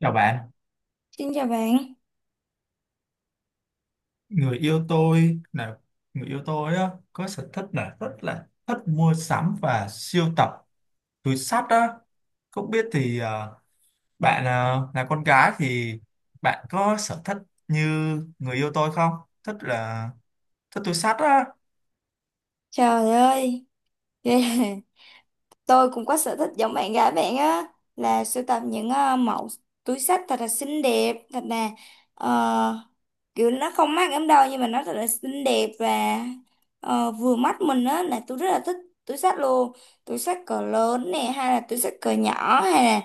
Chào bạn, Xin chào bạn. người yêu tôi là người yêu tôi á, có sở thích là rất là thích mua sắm và sưu tập túi xách á. Không biết thì bạn là con gái thì bạn có sở thích như người yêu tôi không? Thích là thích túi xách á. Trời ơi, ghê. Tôi cũng có sở thích giống bạn gái bạn á, là sưu tập những mẫu túi xách thật là xinh đẹp, thật là ờ, kiểu nó không mắc lắm đâu, nhưng mà nó thật là xinh đẹp và vừa mắt mình á, là tôi rất là thích túi xách luôn. Túi xách cỡ lớn nè, hay là túi xách cỡ nhỏ, hay là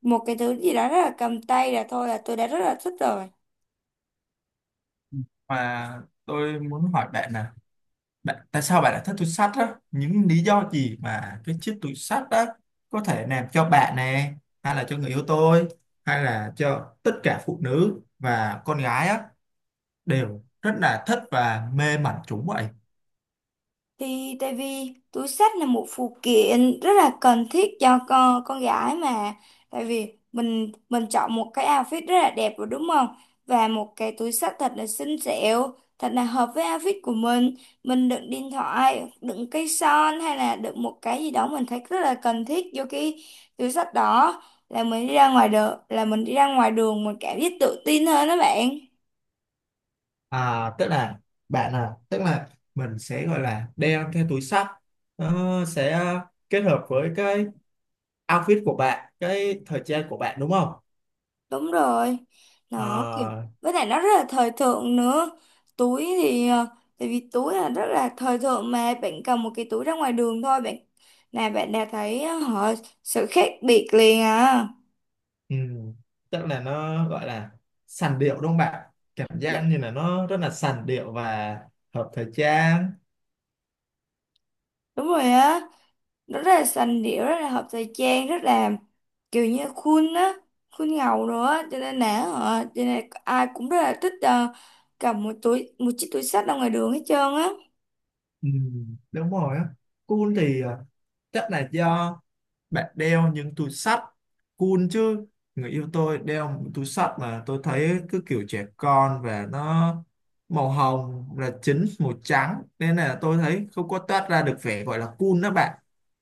một cái thứ gì đó rất là cầm tay là thôi là tôi đã rất là thích rồi. Mà tôi muốn hỏi bạn nè, bạn, tại sao bạn lại thích túi xách á? Những lý do gì mà cái chiếc túi xách đó có thể làm cho bạn nè, hay là cho người yêu tôi, hay là cho tất cả phụ nữ và con gái á đều rất là thích và mê mẩn chúng vậy. Thì tại vì túi xách là một phụ kiện rất là cần thiết cho con gái mà. Tại vì mình chọn một cái outfit rất là đẹp rồi, đúng không? Và một cái túi xách thật là xinh xẻo, thật là hợp với outfit của mình. Mình đựng điện thoại, đựng cây son, hay là đựng một cái gì đó mình thấy rất là cần thiết vô cái túi xách đó, là mình đi ra ngoài đường mình cảm giác tự tin hơn đó bạn. À, tức là bạn à, tức là mình sẽ gọi là đeo cái túi xách, nó sẽ kết hợp với cái outfit của bạn, cái thời trang của bạn đúng không? Đúng rồi. Nó kiểu, Ờ. với lại nó rất là thời thượng nữa. Túi thì tại vì túi là rất là thời thượng, mà bạn cầm một cái túi ra ngoài đường thôi, bạn là bạn đã thấy ờ, họ sự khác biệt liền à. Ừ. Tức là nó gọi là sành điệu đúng không bạn? Cảm giác Đ- như là nó rất là sành điệu và hợp thời trang. Đúng rồi á. Nó rất là sành điệu, rất là hợp thời trang, rất là kiểu như khuôn á, khuôn ngầu rồi á, cho nên là cho nên ai cũng rất là thích, cầm một túi một chiếc túi xách ra ngoài đường hết trơn á. Ừ. Đúng rồi á. Cool thì à, chắc là do bạn đeo những túi xách cool chứ. Người yêu tôi đeo một túi xách mà tôi thấy cứ kiểu trẻ con và nó màu hồng là chính màu trắng nên là tôi thấy không có toát ra được vẻ gọi là cool đó bạn.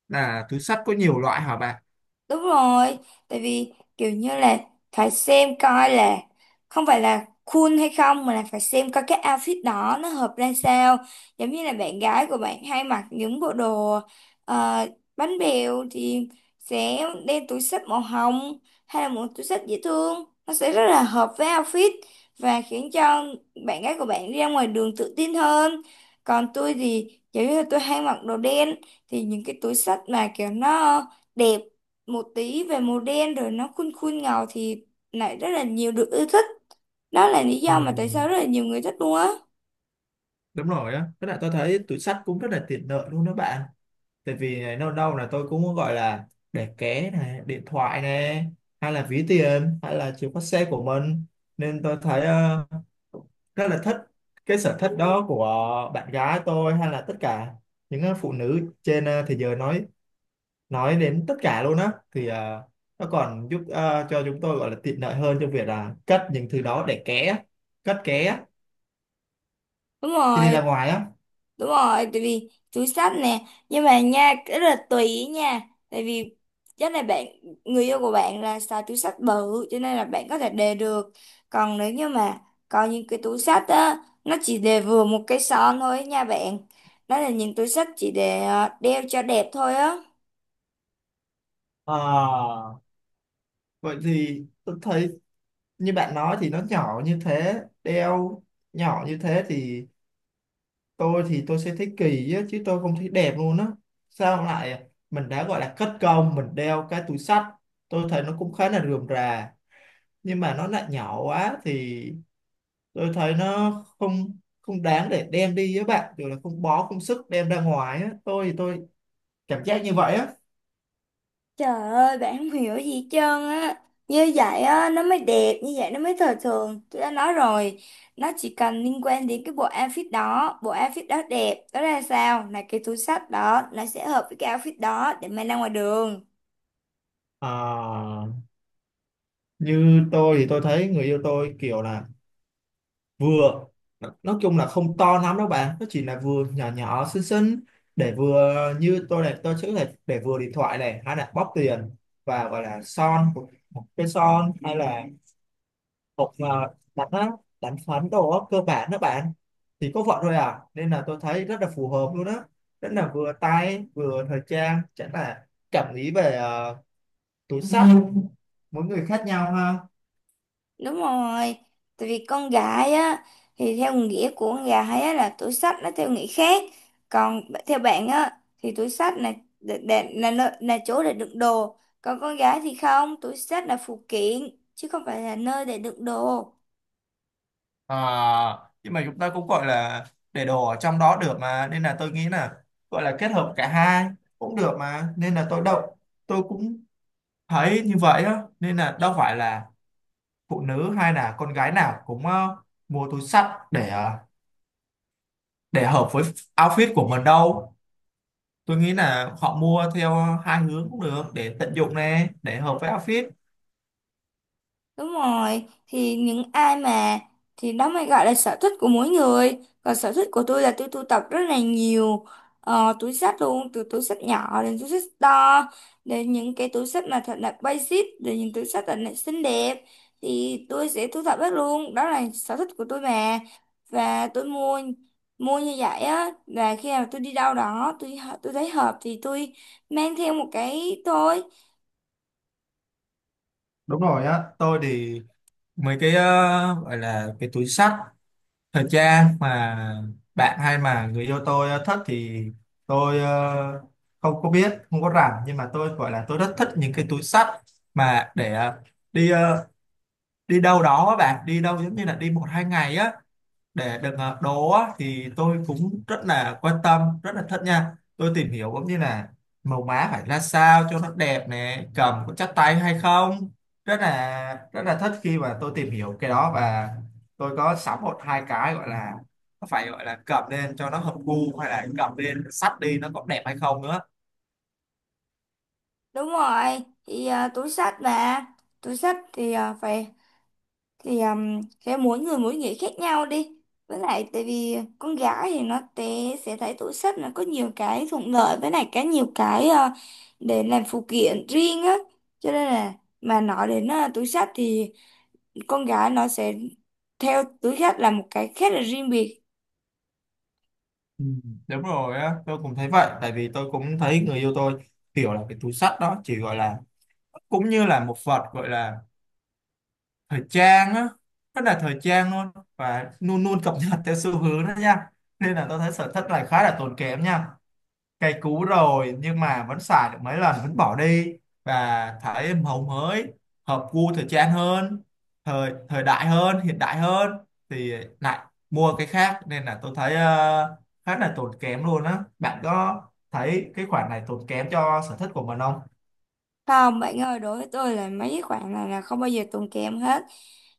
Là túi xách có nhiều loại hả bạn? Đúng rồi, tại vì kiểu như là phải xem coi là không phải là cool hay không, mà là phải xem coi cái outfit đó nó hợp ra sao. Giống như là bạn gái của bạn hay mặc những bộ đồ ờ, bánh bèo thì sẽ đeo túi xách màu hồng, hay là một túi xách dễ thương. Nó sẽ rất là hợp với outfit và khiến cho bạn gái của bạn đi ra ngoài đường tự tin hơn. Còn tôi thì giống như là tôi hay mặc đồ đen, thì những cái túi xách mà kiểu nó đẹp một tí về màu đen rồi nó khuôn khuôn ngầu thì lại rất là nhiều được yêu thích. Đó là lý Ừ, do mà tại sao rất là nhiều người thích luôn á. đúng rồi á, với lại tôi thấy túi xách cũng rất là tiện lợi luôn đó bạn, tại vì này, đâu đâu là tôi cũng có gọi là để ké này điện thoại này hay là ví tiền hay là chìa khóa xe của mình, nên tôi thấy rất là thích cái sở thích đó của bạn gái tôi hay là tất cả những phụ nữ trên thế giới, nói đến tất cả luôn á thì nó còn giúp cho chúng tôi gọi là tiện lợi hơn trong việc là cất những thứ đó để ké, cất ké Đúng khi đi rồi. ra ngoài á. Đúng rồi, tại vì túi xách nè, nhưng mà nha, cái rất là tùy ý nha. Tại vì chắc là bạn, người yêu của bạn là xài túi xách bự, cho nên là bạn có thể đề được. Còn nếu như mà có những cái túi xách á, nó chỉ đề vừa một cái son thôi nha bạn. Đó là những túi xách chỉ để đeo cho đẹp thôi á. Ờ, vậy thì tôi thấy như bạn nói thì nó nhỏ như thế, nhỏ như thế thì tôi sẽ thấy kỳ á, chứ tôi không thấy đẹp luôn á. Sao lại mình đã gọi là cất công, mình đeo cái túi xách, tôi thấy nó cũng khá là rườm rà, nhưng mà nó lại nhỏ quá thì tôi thấy nó không không đáng để đem đi với bạn, rồi là không bó công sức đem ra ngoài á. Tôi cảm giác như vậy á. Trời ơi, bạn không hiểu gì hết trơn á. Như vậy á, nó mới đẹp, như vậy nó mới thời thường. Tôi đã nói rồi, nó chỉ cần liên quan đến cái bộ outfit đó. Bộ outfit đó đẹp, đó ra sao? Là cái túi xách đó, nó sẽ hợp với cái outfit đó để mang ra ngoài đường. Ờ, như tôi thấy người yêu tôi kiểu là vừa nói chung là không to lắm đâu bạn, nó chỉ là vừa nhỏ nhỏ xinh xinh, để vừa như tôi này, tôi chữ này để vừa điện thoại này hay là bóp tiền và gọi là một cái son hay là một đánh á, đánh phấn đồ á, cơ bản đó bạn, thì có vậy thôi à nên là tôi thấy rất là phù hợp luôn á, rất là vừa tay vừa thời trang, chẳng là cảm nghĩ về túi xách mỗi người khác nhau ha. Đúng rồi, tại vì con gái á, thì theo nghĩa của con gái á là túi xách nó theo nghĩa khác, còn theo bạn á thì túi xách là là là chỗ để đựng đồ, còn con gái thì không, túi xách là phụ kiện chứ không phải là nơi để đựng đồ. À, nhưng mà chúng ta cũng gọi là để đồ ở trong đó được mà, nên là tôi nghĩ là gọi là kết hợp cả hai cũng được mà, nên là tôi cũng thấy như vậy á, nên là đâu phải là phụ nữ hay là con gái nào cũng mua túi xách để để hợp với outfit của mình đâu. Tôi nghĩ là họ mua theo hai hướng cũng được, để tận dụng nè, để hợp với outfit. Đúng rồi, thì những ai mà thì đó mới gọi là sở thích của mỗi người. Còn sở thích của tôi là tôi sưu tập rất là nhiều túi xách luôn, từ túi xách nhỏ đến túi xách to, đến những cái túi xách mà thật là basic, đến những túi xách thật là xinh đẹp, thì tôi sẽ thu thập hết luôn. Đó là sở thích của tôi mà. Và tôi mua mua như vậy á, và khi nào tôi đi đâu đó tôi thấy hợp thì tôi mang theo một cái thôi. Đúng rồi á, tôi thì mấy cái gọi là cái túi xách thời trang mà bạn hay mà người yêu tôi thích thì tôi không có biết không có rảnh, nhưng mà tôi gọi là tôi rất thích những cái túi xách mà để đi đi đâu đó á bạn, đi đâu giống như là đi một hai ngày á, để được đồ, thì tôi cũng rất là quan tâm rất là thích nha, tôi tìm hiểu cũng như là màu má phải ra sao cho nó đẹp nè, cầm có chắc tay hay không, rất là thích khi mà tôi tìm hiểu cái đó, và tôi có sắm một hai cái, gọi là nó phải gọi là cầm lên cho nó hợp gu, hay là cầm lên sắt đi nó có đẹp hay không nữa. Đúng rồi, thì à, túi xách thì à, phải thì sẽ mỗi người mỗi nghĩ khác nhau đi. Với lại tại vì con gái thì nó sẽ thấy túi xách nó có nhiều cái thuận lợi, với lại cái nhiều cái để làm phụ kiện riêng á. Cho nên là mà nói đến túi xách thì con gái nó sẽ theo túi xách là một cái khác, là riêng biệt. Ừ, đúng rồi á, tôi cũng thấy vậy, tại vì tôi cũng thấy người yêu tôi kiểu là cái túi sắt đó chỉ gọi là cũng như là một vật gọi là thời trang á, rất là thời trang luôn và luôn luôn cập nhật theo xu hướng đó nha, nên là tôi thấy sở thích này khá là tốn kém nha. Cây cũ rồi nhưng mà vẫn xài được mấy lần vẫn bỏ đi, và thấy màu mới hợp gu thời trang hơn, thời thời đại hơn, hiện đại hơn, thì lại mua cái khác. Nên là tôi thấy khá là tốn kém luôn á, bạn có thấy cái khoản này tốn kém cho sở thích của mình không? Không bạn ơi, đối với tôi là mấy cái khoản này là không bao giờ tốn kém hết.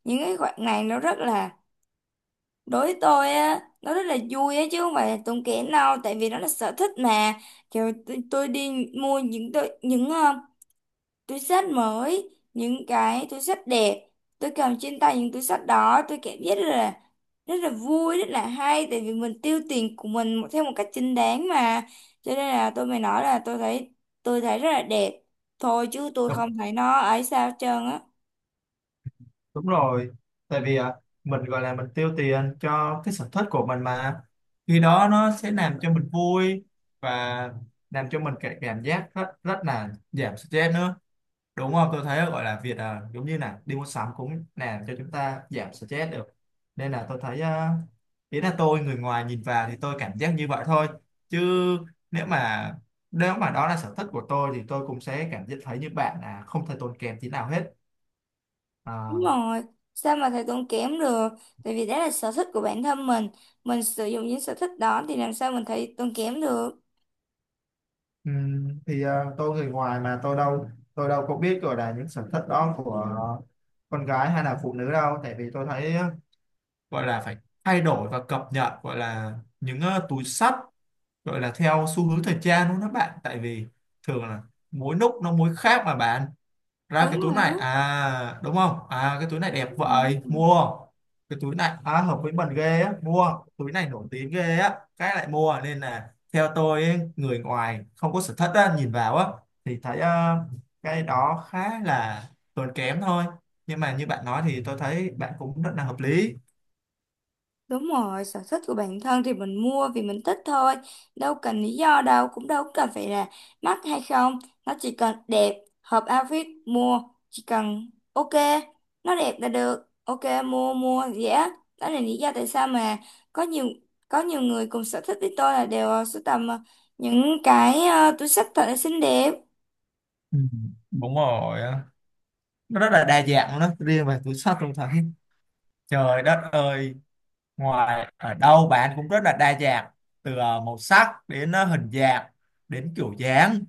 Những cái khoản này nó rất là, đối với tôi á nó rất là vui á, chứ không phải là tốn kém đâu, tại vì nó là sở thích mà. Kiểu tôi đi mua những túi xách mới, những cái túi xách đẹp, tôi cầm trên tay những túi xách đó tôi cảm giác rất là, rất là vui, rất là hay, tại vì mình tiêu tiền của mình theo một cách chính đáng mà. Cho nên là tôi mới nói là tôi thấy rất là đẹp thôi, chứ tôi không thấy nó ấy sao hết trơn á. Đúng rồi, tại vì à, mình gọi là mình tiêu tiền cho cái sở thích của mình mà, khi đó nó sẽ làm cho mình vui, và làm cho mình cái cảm giác rất rất là giảm stress nữa đúng không? Tôi thấy gọi là việc à, giống như là đi mua sắm cũng làm cho chúng ta giảm stress được, nên là tôi thấy à, ý là tôi người ngoài nhìn vào thì tôi cảm giác như vậy thôi, chứ nếu mà nếu mà đó là sở thích của tôi thì tôi cũng sẽ cảm giác thấy như bạn là không thể tốn kém tí nào hết. Đúng À, rồi, sao mà thầy tốn kém được? Tại vì đó là sở thích của bản thân mình sử dụng những sở thích đó thì làm sao mình thấy tốn kém được? ừ, thì tôi người ngoài mà tôi đâu có biết gọi là những sở thích đó của con gái hay là phụ nữ đâu, tại vì tôi thấy gọi là phải thay đổi và cập nhật gọi là những túi xách gọi là theo xu hướng thời trang luôn đó bạn, tại vì thường là mỗi lúc nó mỗi khác mà bạn, ra Đúng cái túi rồi này á. à đúng không, à cái túi này đẹp Đúng vậy rồi. mua, cái túi này à, hợp với mình ghê á mua, túi này nổi tiếng ghê á cái lại mua, nên là theo tôi ấy, người ngoài không có sở thích á, nhìn vào á thì thấy cái đó khá là tốn kém thôi, nhưng mà như bạn nói thì tôi thấy bạn cũng rất là hợp lý. Đúng rồi, sở thích của bản thân thì mình mua vì mình thích thôi. Đâu cần lý do đâu, cũng đâu cần phải là mắc hay không. Nó chỉ cần đẹp, hợp outfit, mua. Chỉ cần ok, nó đẹp là được. Ok, mua, mua, dễ. Đó là lý do tại sao mà có nhiều có nhiều người cùng sở thích với tôi là đều sưu tầm những cái túi xách thật là xinh đẹp. Ừ, đúng rồi á. Nó rất là đa dạng luôn đó, riêng về túi xách tôi thấy trời đất ơi, ngoài ở đâu bạn cũng rất là đa dạng, từ màu sắc đến hình dạng, đến kiểu dáng.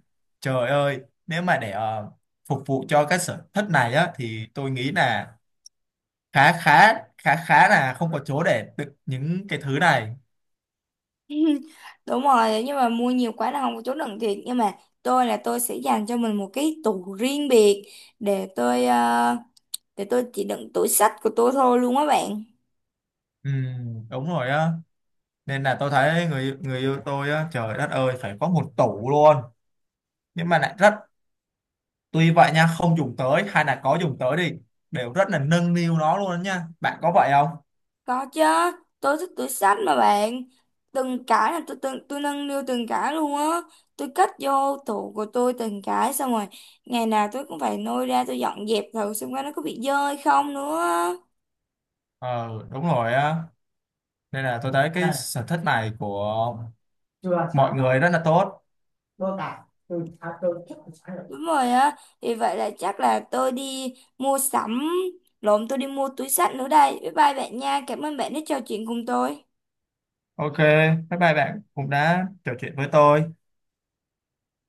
Trời ơi, nếu mà để phục vụ cho cái sở thích này á thì tôi nghĩ là khá khá khá khá là không có chỗ để đựng những cái thứ này. Đúng rồi, nhưng mà mua nhiều quá là không có chỗ đựng thiệt, nhưng mà tôi là tôi sẽ dành cho mình một cái tủ riêng biệt để để tôi chỉ đựng tủ sách của tôi thôi luôn á bạn. Ừ, đúng rồi á, nên là tôi thấy người người yêu tôi á trời đất ơi phải có một tủ luôn, nhưng mà lại rất tuy vậy nha, không dùng tới hay là có dùng tới đi đều rất là nâng niu nó luôn á nha, bạn có vậy không? Có chứ, tôi thích tủ sách mà bạn. Từng cái là tôi nâng niu từng cái luôn á. Tôi cất vô tủ của tôi từng cái xong rồi, ngày nào tôi cũng phải lôi ra tôi dọn dẹp thử xem coi nó có bị dơ hay không nữa. Ờ đúng rồi á, nên là tôi thấy cái sở thích này của chưa mọi sáng người rất là tốt, tôi à, tôi thích sáng tạo. Đúng rồi á, thì vậy là chắc là tôi đi mua túi xách nữa đây. Bye bye bạn nha, cảm ơn bạn đã trò chuyện cùng tôi. OK, bye bye bạn cũng đã trò chuyện với tôi.